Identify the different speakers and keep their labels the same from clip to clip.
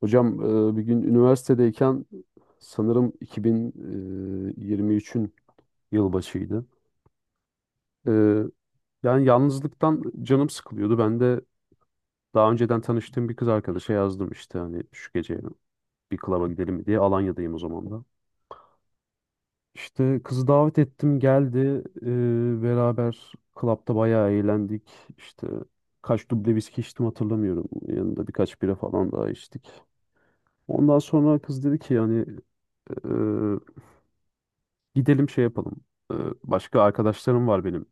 Speaker 1: Hocam, bir gün üniversitedeyken sanırım 2023'ün yılbaşıydı. E, Yani yalnızlıktan canım sıkılıyordu. Ben de daha önceden tanıştığım bir kız arkadaşa yazdım işte hani şu gece bir klaba gidelim mi diye. Alanya'dayım o zaman da. İşte kızı davet ettim geldi. Beraber klapta bayağı eğlendik. İşte kaç duble viski içtim hatırlamıyorum. Yanında birkaç bira falan daha içtik. Ondan sonra kız dedi ki yani gidelim şey yapalım. Ee, Başka arkadaşlarım var benim.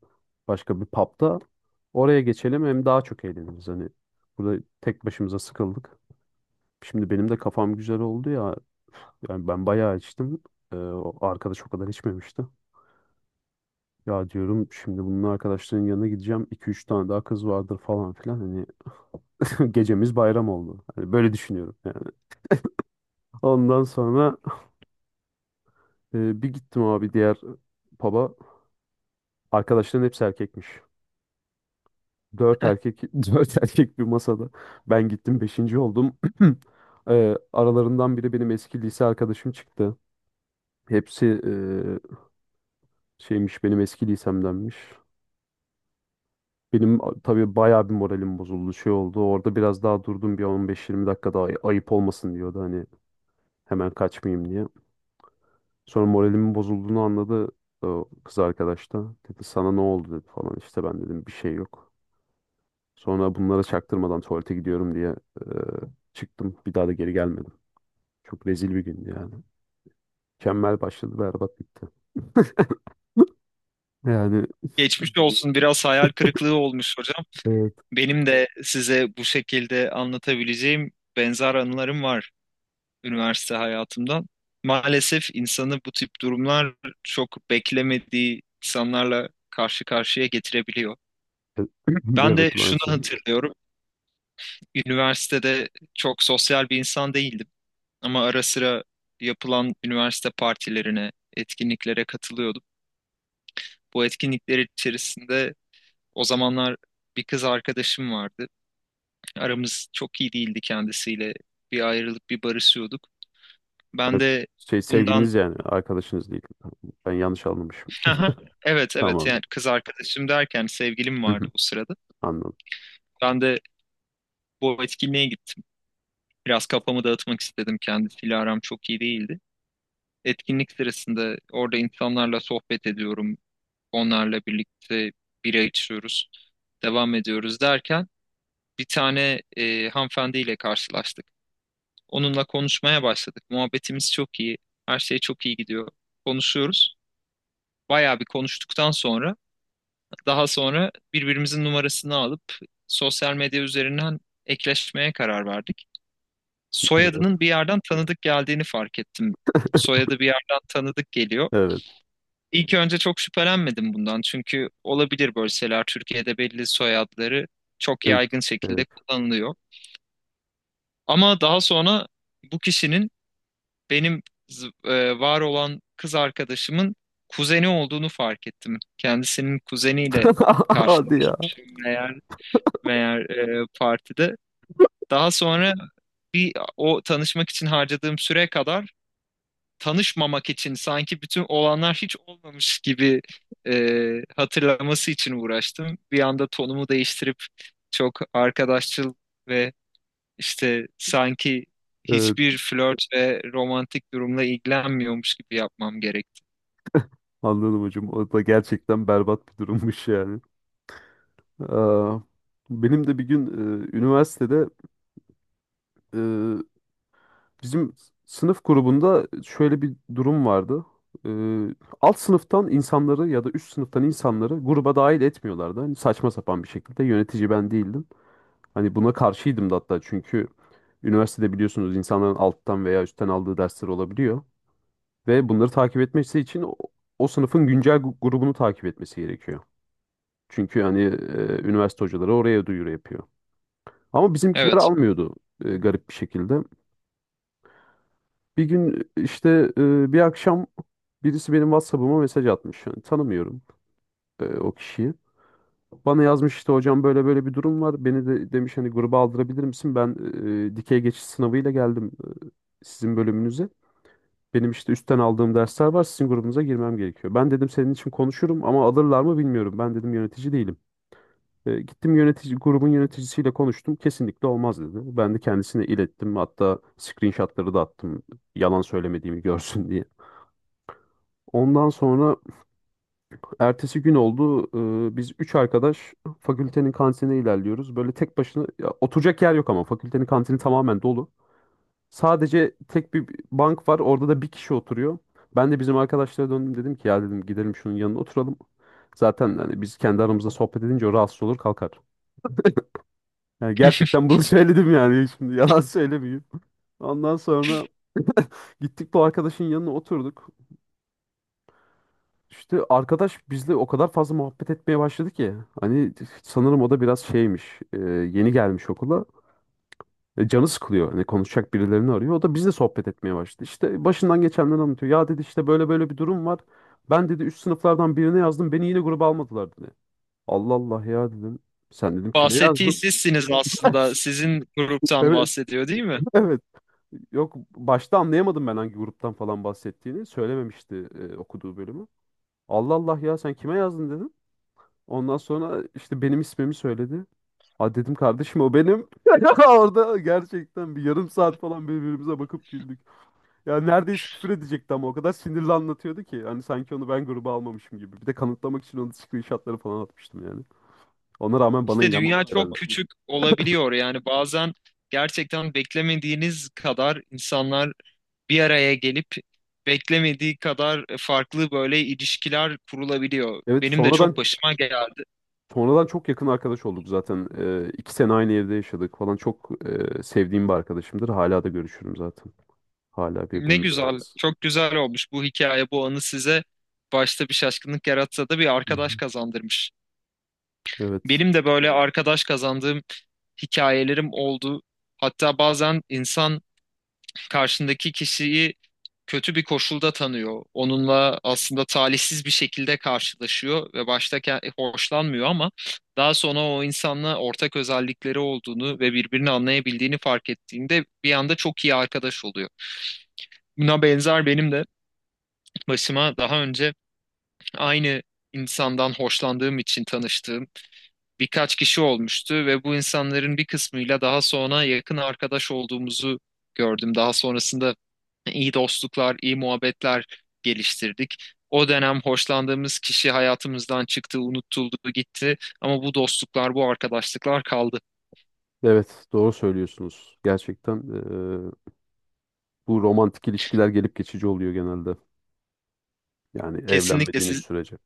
Speaker 1: Başka bir pub'da. Oraya geçelim hem daha çok eğleniriz. Hani burada tek başımıza sıkıldık. Şimdi benim de kafam güzel oldu ya. Yani ben bayağı içtim. O arkadaş o kadar içmemişti. Ya diyorum şimdi bunun arkadaşlarının yanına gideceğim. 2 üç tane daha kız vardır falan filan. Hani gecemiz bayram oldu. Hani böyle düşünüyorum yani. Ondan sonra bir gittim abi diğer pub'a. Arkadaşların hepsi erkekmiş. Dört erkek, dört erkek bir masada. Ben gittim beşinci oldum. Aralarından biri benim eski lise arkadaşım çıktı. Hepsi şeymiş benim eski lisemdenmiş. Tabii bayağı bir moralim bozuldu şey oldu. Orada biraz daha durdum bir 15 20 dakika daha ayıp olmasın diyordu hani hemen kaçmayayım diye. Sonra moralimin bozulduğunu anladı o kız arkadaş da. Dedi sana ne oldu dedi falan işte ben dedim bir şey yok. Sonra bunlara çaktırmadan tuvalete gidiyorum diye çıktım. Bir daha da geri gelmedim. Çok rezil bir gündü yani. Mükemmel başladı, berbat bitti. Yani
Speaker 2: Geçmiş olsun. Biraz hayal kırıklığı olmuş hocam.
Speaker 1: evet.
Speaker 2: Benim de size bu şekilde anlatabileceğim benzer anılarım var üniversite hayatımdan. Maalesef insanı bu tip durumlar çok beklemediği insanlarla karşı karşıya getirebiliyor. Ben de
Speaker 1: Evet,
Speaker 2: şunu
Speaker 1: maalesef.
Speaker 2: hatırlıyorum. Üniversitede çok sosyal bir insan değildim ama ara sıra yapılan üniversite partilerine, etkinliklere katılıyordum. Bu etkinlikler içerisinde o zamanlar bir kız arkadaşım vardı. Aramız çok iyi değildi kendisiyle. Bir ayrılıp bir barışıyorduk. Ben
Speaker 1: Evet,
Speaker 2: de
Speaker 1: şey
Speaker 2: bundan
Speaker 1: sevgiliniz yani arkadaşınız değil. Ben yanlış anlamışım.
Speaker 2: Aha, evet evet,
Speaker 1: Tamam.
Speaker 2: yani kız arkadaşım derken sevgilim vardı o sırada.
Speaker 1: Anladım.
Speaker 2: Ben de bu etkinliğe gittim. Biraz kafamı dağıtmak istedim. Kendisiyle aram çok iyi değildi. Etkinlik sırasında orada insanlarla sohbet ediyorum. Onlarla birlikte bira içiyoruz. Devam ediyoruz derken bir tane hanımefendiyle karşılaştık. Onunla konuşmaya başladık. Muhabbetimiz çok iyi. Her şey çok iyi gidiyor. Konuşuyoruz. Bayağı bir konuştuktan sonra daha sonra birbirimizin numarasını alıp sosyal medya üzerinden ekleşmeye karar verdik.
Speaker 1: Evet.
Speaker 2: Soyadının bir yerden tanıdık geldiğini fark ettim. Soyadı bir yerden tanıdık geliyor.
Speaker 1: Evet.
Speaker 2: İlk önce çok şüphelenmedim bundan çünkü olabilir böyle şeyler. Türkiye'de belli soyadları çok
Speaker 1: Evet.
Speaker 2: yaygın şekilde
Speaker 1: Evet.
Speaker 2: kullanılıyor. Ama daha sonra bu kişinin benim var olan kız arkadaşımın kuzeni olduğunu fark ettim. Kendisinin kuzeniyle
Speaker 1: Hadi ya.
Speaker 2: karşılaşmışım meğer, meğer partide. Daha sonra bir o tanışmak için harcadığım süre kadar tanışmamak için sanki bütün olanlar hiç olmamış gibi hatırlaması için uğraştım. Bir anda tonumu değiştirip çok arkadaşçıl ve işte sanki
Speaker 1: Evet.
Speaker 2: hiçbir flört ve romantik durumla ilgilenmiyormuş gibi yapmam gerekti.
Speaker 1: Anladım hocam. O da gerçekten berbat bir durummuş yani. Aa, benim de bir gün üniversitede bizim sınıf grubunda şöyle bir durum vardı. Ee, Alt sınıftan insanları ya da üst sınıftan insanları gruba dahil etmiyorlardı. Hani saçma sapan bir şekilde yönetici ben değildim. Hani buna karşıydım da hatta, çünkü üniversitede biliyorsunuz insanların alttan veya üstten aldığı dersler olabiliyor. Ve bunları takip etmesi için o sınıfın güncel grubunu takip etmesi gerekiyor. Çünkü hani üniversite hocaları oraya duyuru yapıyor. Ama bizimkileri
Speaker 2: Evet.
Speaker 1: almıyordu, garip bir şekilde. Bir gün işte bir akşam birisi benim WhatsApp'ıma mesaj atmış. Yani tanımıyorum o kişiyi. Bana yazmış işte hocam böyle böyle bir durum var. Beni de demiş hani gruba aldırabilir misin? Ben dikey geçiş sınavıyla geldim e, sizin bölümünüze. Benim işte üstten aldığım dersler var. Sizin grubunuza girmem gerekiyor. Ben dedim senin için konuşurum ama alırlar mı bilmiyorum. Ben dedim yönetici değilim. Gittim yönetici grubun yöneticisiyle konuştum. Kesinlikle olmaz dedi. Ben de kendisine ilettim. Hatta screenshotları da attım. Yalan söylemediğimi görsün diye. Ondan sonra ertesi gün oldu. Biz üç arkadaş fakültenin kantinine ilerliyoruz. Böyle tek başına ya, oturacak yer yok ama fakültenin kantini tamamen dolu. Sadece tek bir bank var. Orada da bir kişi oturuyor. Ben de bizim arkadaşlara döndüm dedim ki ya dedim gidelim şunun yanına oturalım. Zaten hani biz kendi aramızda sohbet edince o rahatsız olur kalkar. Yani gerçekten bunu söyledim yani şimdi yalan söylemeyeyim. Ondan sonra gittik bu arkadaşın yanına oturduk. İşte arkadaş bizle o kadar fazla muhabbet etmeye başladı ki. Hani sanırım o da biraz şeymiş. Yeni gelmiş okula. Canı sıkılıyor. Hani konuşacak birilerini arıyor. O da bizle sohbet etmeye başladı. İşte başından geçenleri anlatıyor. Ya dedi işte böyle böyle bir durum var. Ben dedi üst sınıflardan birine yazdım. Beni yine gruba almadılar dedi. Allah Allah ya dedim. Sen dedim kime
Speaker 2: Bahsettiği
Speaker 1: yazdın?
Speaker 2: sizsiniz aslında. Sizin gruptan
Speaker 1: Evet,
Speaker 2: bahsediyor, değil mi?
Speaker 1: evet. Yok, başta anlayamadım ben hangi gruptan falan bahsettiğini. Söylememişti okuduğu bölümü. Allah Allah ya sen kime yazdın dedim. Ondan sonra işte benim ismimi söyledi. Ha dedim kardeşim o benim. Orada gerçekten bir yarım saat falan birbirimize bakıp güldük. Ya neredeyse küfür edecekti ama o kadar sinirli anlatıyordu ki. Hani sanki onu ben gruba almamışım gibi. Bir de kanıtlamak için onun screenshotları falan atmıştım yani. Ona rağmen bana
Speaker 2: İşte
Speaker 1: inanmadı
Speaker 2: dünya çok
Speaker 1: herhalde.
Speaker 2: küçük olabiliyor. Yani bazen gerçekten beklemediğiniz kadar insanlar bir araya gelip beklemediği kadar farklı böyle ilişkiler kurulabiliyor.
Speaker 1: Evet,
Speaker 2: Benim de çok
Speaker 1: sonradan
Speaker 2: başıma geldi.
Speaker 1: sonradan çok yakın arkadaş olduk zaten. 2 sene aynı evde yaşadık falan. Çok sevdiğim bir arkadaşımdır. Hala da görüşürüm zaten. Hala
Speaker 2: Ne
Speaker 1: birbirimize
Speaker 2: güzel,
Speaker 1: ararız.
Speaker 2: çok güzel olmuş bu hikaye, bu anı size başta bir şaşkınlık yaratsa da bir
Speaker 1: Hı
Speaker 2: arkadaş
Speaker 1: hı.
Speaker 2: kazandırmış.
Speaker 1: Evet.
Speaker 2: Benim de böyle arkadaş kazandığım hikayelerim oldu. Hatta bazen insan karşındaki kişiyi kötü bir koşulda tanıyor. Onunla aslında talihsiz bir şekilde karşılaşıyor ve başta hoşlanmıyor ama daha sonra o insanla ortak özellikleri olduğunu ve birbirini anlayabildiğini fark ettiğinde bir anda çok iyi arkadaş oluyor. Buna benzer benim de başıma daha önce aynı insandan hoşlandığım için tanıştığım birkaç kişi olmuştu ve bu insanların bir kısmıyla daha sonra yakın arkadaş olduğumuzu gördüm. Daha sonrasında iyi dostluklar, iyi muhabbetler geliştirdik. O dönem hoşlandığımız kişi hayatımızdan çıktı, unutuldu, gitti ama bu dostluklar, bu arkadaşlıklar kaldı.
Speaker 1: Evet, doğru söylüyorsunuz. Gerçekten bu romantik ilişkiler gelip geçici oluyor genelde. Yani
Speaker 2: Kesinlikle
Speaker 1: evlenmediğiniz
Speaker 2: siz,
Speaker 1: sürece.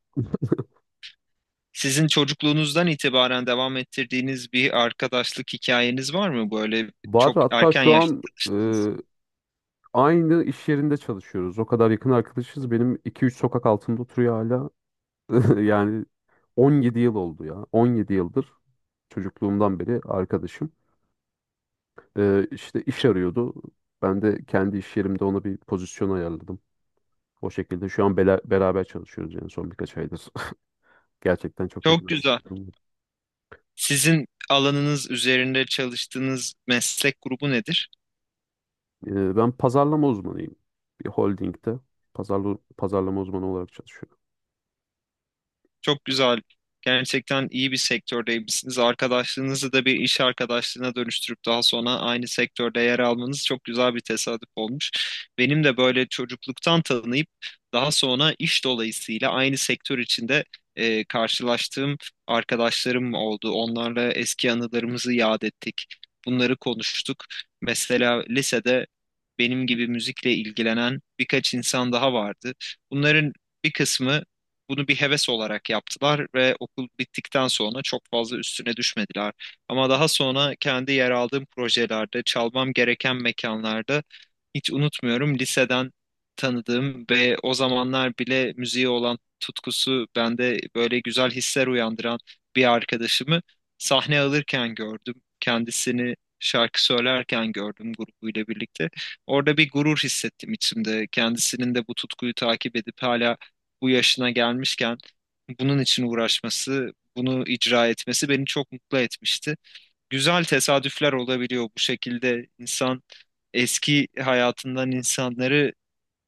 Speaker 2: sizin çocukluğunuzdan itibaren devam ettirdiğiniz bir arkadaşlık hikayeniz var mı böyle
Speaker 1: Var,
Speaker 2: çok
Speaker 1: hatta
Speaker 2: erken
Speaker 1: şu
Speaker 2: yaşta?
Speaker 1: an aynı iş yerinde çalışıyoruz. O kadar yakın arkadaşız. Benim iki üç sokak altımda oturuyor hala. Yani 17 yıl oldu ya. 17 yıldır çocukluğumdan beri arkadaşım. İşte iş arıyordu. Ben de kendi iş yerimde ona bir pozisyon ayarladım. O şekilde şu an beraber çalışıyoruz yani son birkaç aydır. Gerçekten çok
Speaker 2: Çok
Speaker 1: yakın.
Speaker 2: güzel. Sizin alanınız üzerinde çalıştığınız meslek grubu nedir?
Speaker 1: Ben pazarlama uzmanıyım. Bir holdingde pazarlama uzmanı olarak çalışıyorum.
Speaker 2: Çok güzel. Gerçekten iyi bir sektördeymişsiniz. Arkadaşlığınızı da bir iş arkadaşlığına dönüştürüp daha sonra aynı sektörde yer almanız çok güzel bir tesadüf olmuş. Benim de böyle çocukluktan tanıyıp daha sonra iş dolayısıyla aynı sektör içinde karşılaştığım arkadaşlarım oldu. Onlarla eski anılarımızı yad ettik. Bunları konuştuk. Mesela lisede benim gibi müzikle ilgilenen birkaç insan daha vardı. Bunların bir kısmı bunu bir heves olarak yaptılar ve okul bittikten sonra çok fazla üstüne düşmediler. Ama daha sonra kendi yer aldığım projelerde, çalmam gereken mekanlarda hiç unutmuyorum liseden tanıdığım ve o zamanlar bile müziğe olan tutkusu bende böyle güzel hisler uyandıran bir arkadaşımı sahne alırken gördüm. Kendisini şarkı söylerken gördüm grubuyla birlikte. Orada bir gurur hissettim içimde. Kendisinin de bu tutkuyu takip edip hala bu yaşına gelmişken bunun için uğraşması, bunu icra etmesi beni çok mutlu etmişti. Güzel tesadüfler olabiliyor bu şekilde. İnsan eski hayatından insanları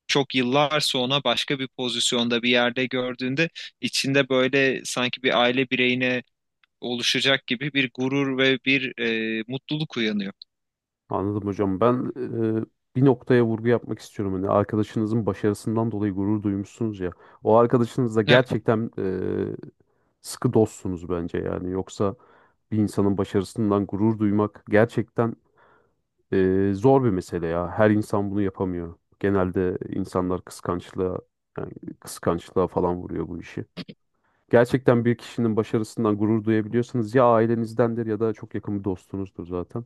Speaker 2: çok yıllar sonra başka bir pozisyonda bir yerde gördüğünde içinde böyle sanki bir aile bireyine oluşacak gibi bir gurur ve bir mutluluk uyanıyor.
Speaker 1: Anladım hocam. Ben e, bir noktaya vurgu yapmak istiyorum. Hani arkadaşınızın başarısından dolayı gurur duymuşsunuz ya. O arkadaşınızla
Speaker 2: Evet.
Speaker 1: gerçekten sıkı dostsunuz bence yani. Yoksa bir insanın başarısından gurur duymak gerçekten zor bir mesele ya. Her insan bunu yapamıyor. Genelde insanlar kıskançlığa, yani kıskançlığa falan vuruyor bu işi. Gerçekten bir kişinin başarısından gurur duyabiliyorsanız ya ailenizdendir ya da çok yakın bir dostunuzdur zaten.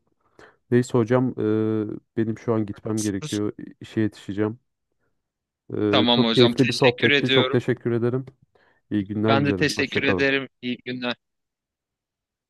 Speaker 1: Neyse hocam, benim şu an gitmem gerekiyor. İşe yetişeceğim.
Speaker 2: Tamam
Speaker 1: Çok
Speaker 2: hocam,
Speaker 1: keyifli bir
Speaker 2: teşekkür
Speaker 1: sohbetti. Çok
Speaker 2: ediyorum.
Speaker 1: teşekkür ederim. İyi günler
Speaker 2: Ben de
Speaker 1: dilerim. Hoşça
Speaker 2: teşekkür
Speaker 1: kalın.
Speaker 2: ederim. İyi günler.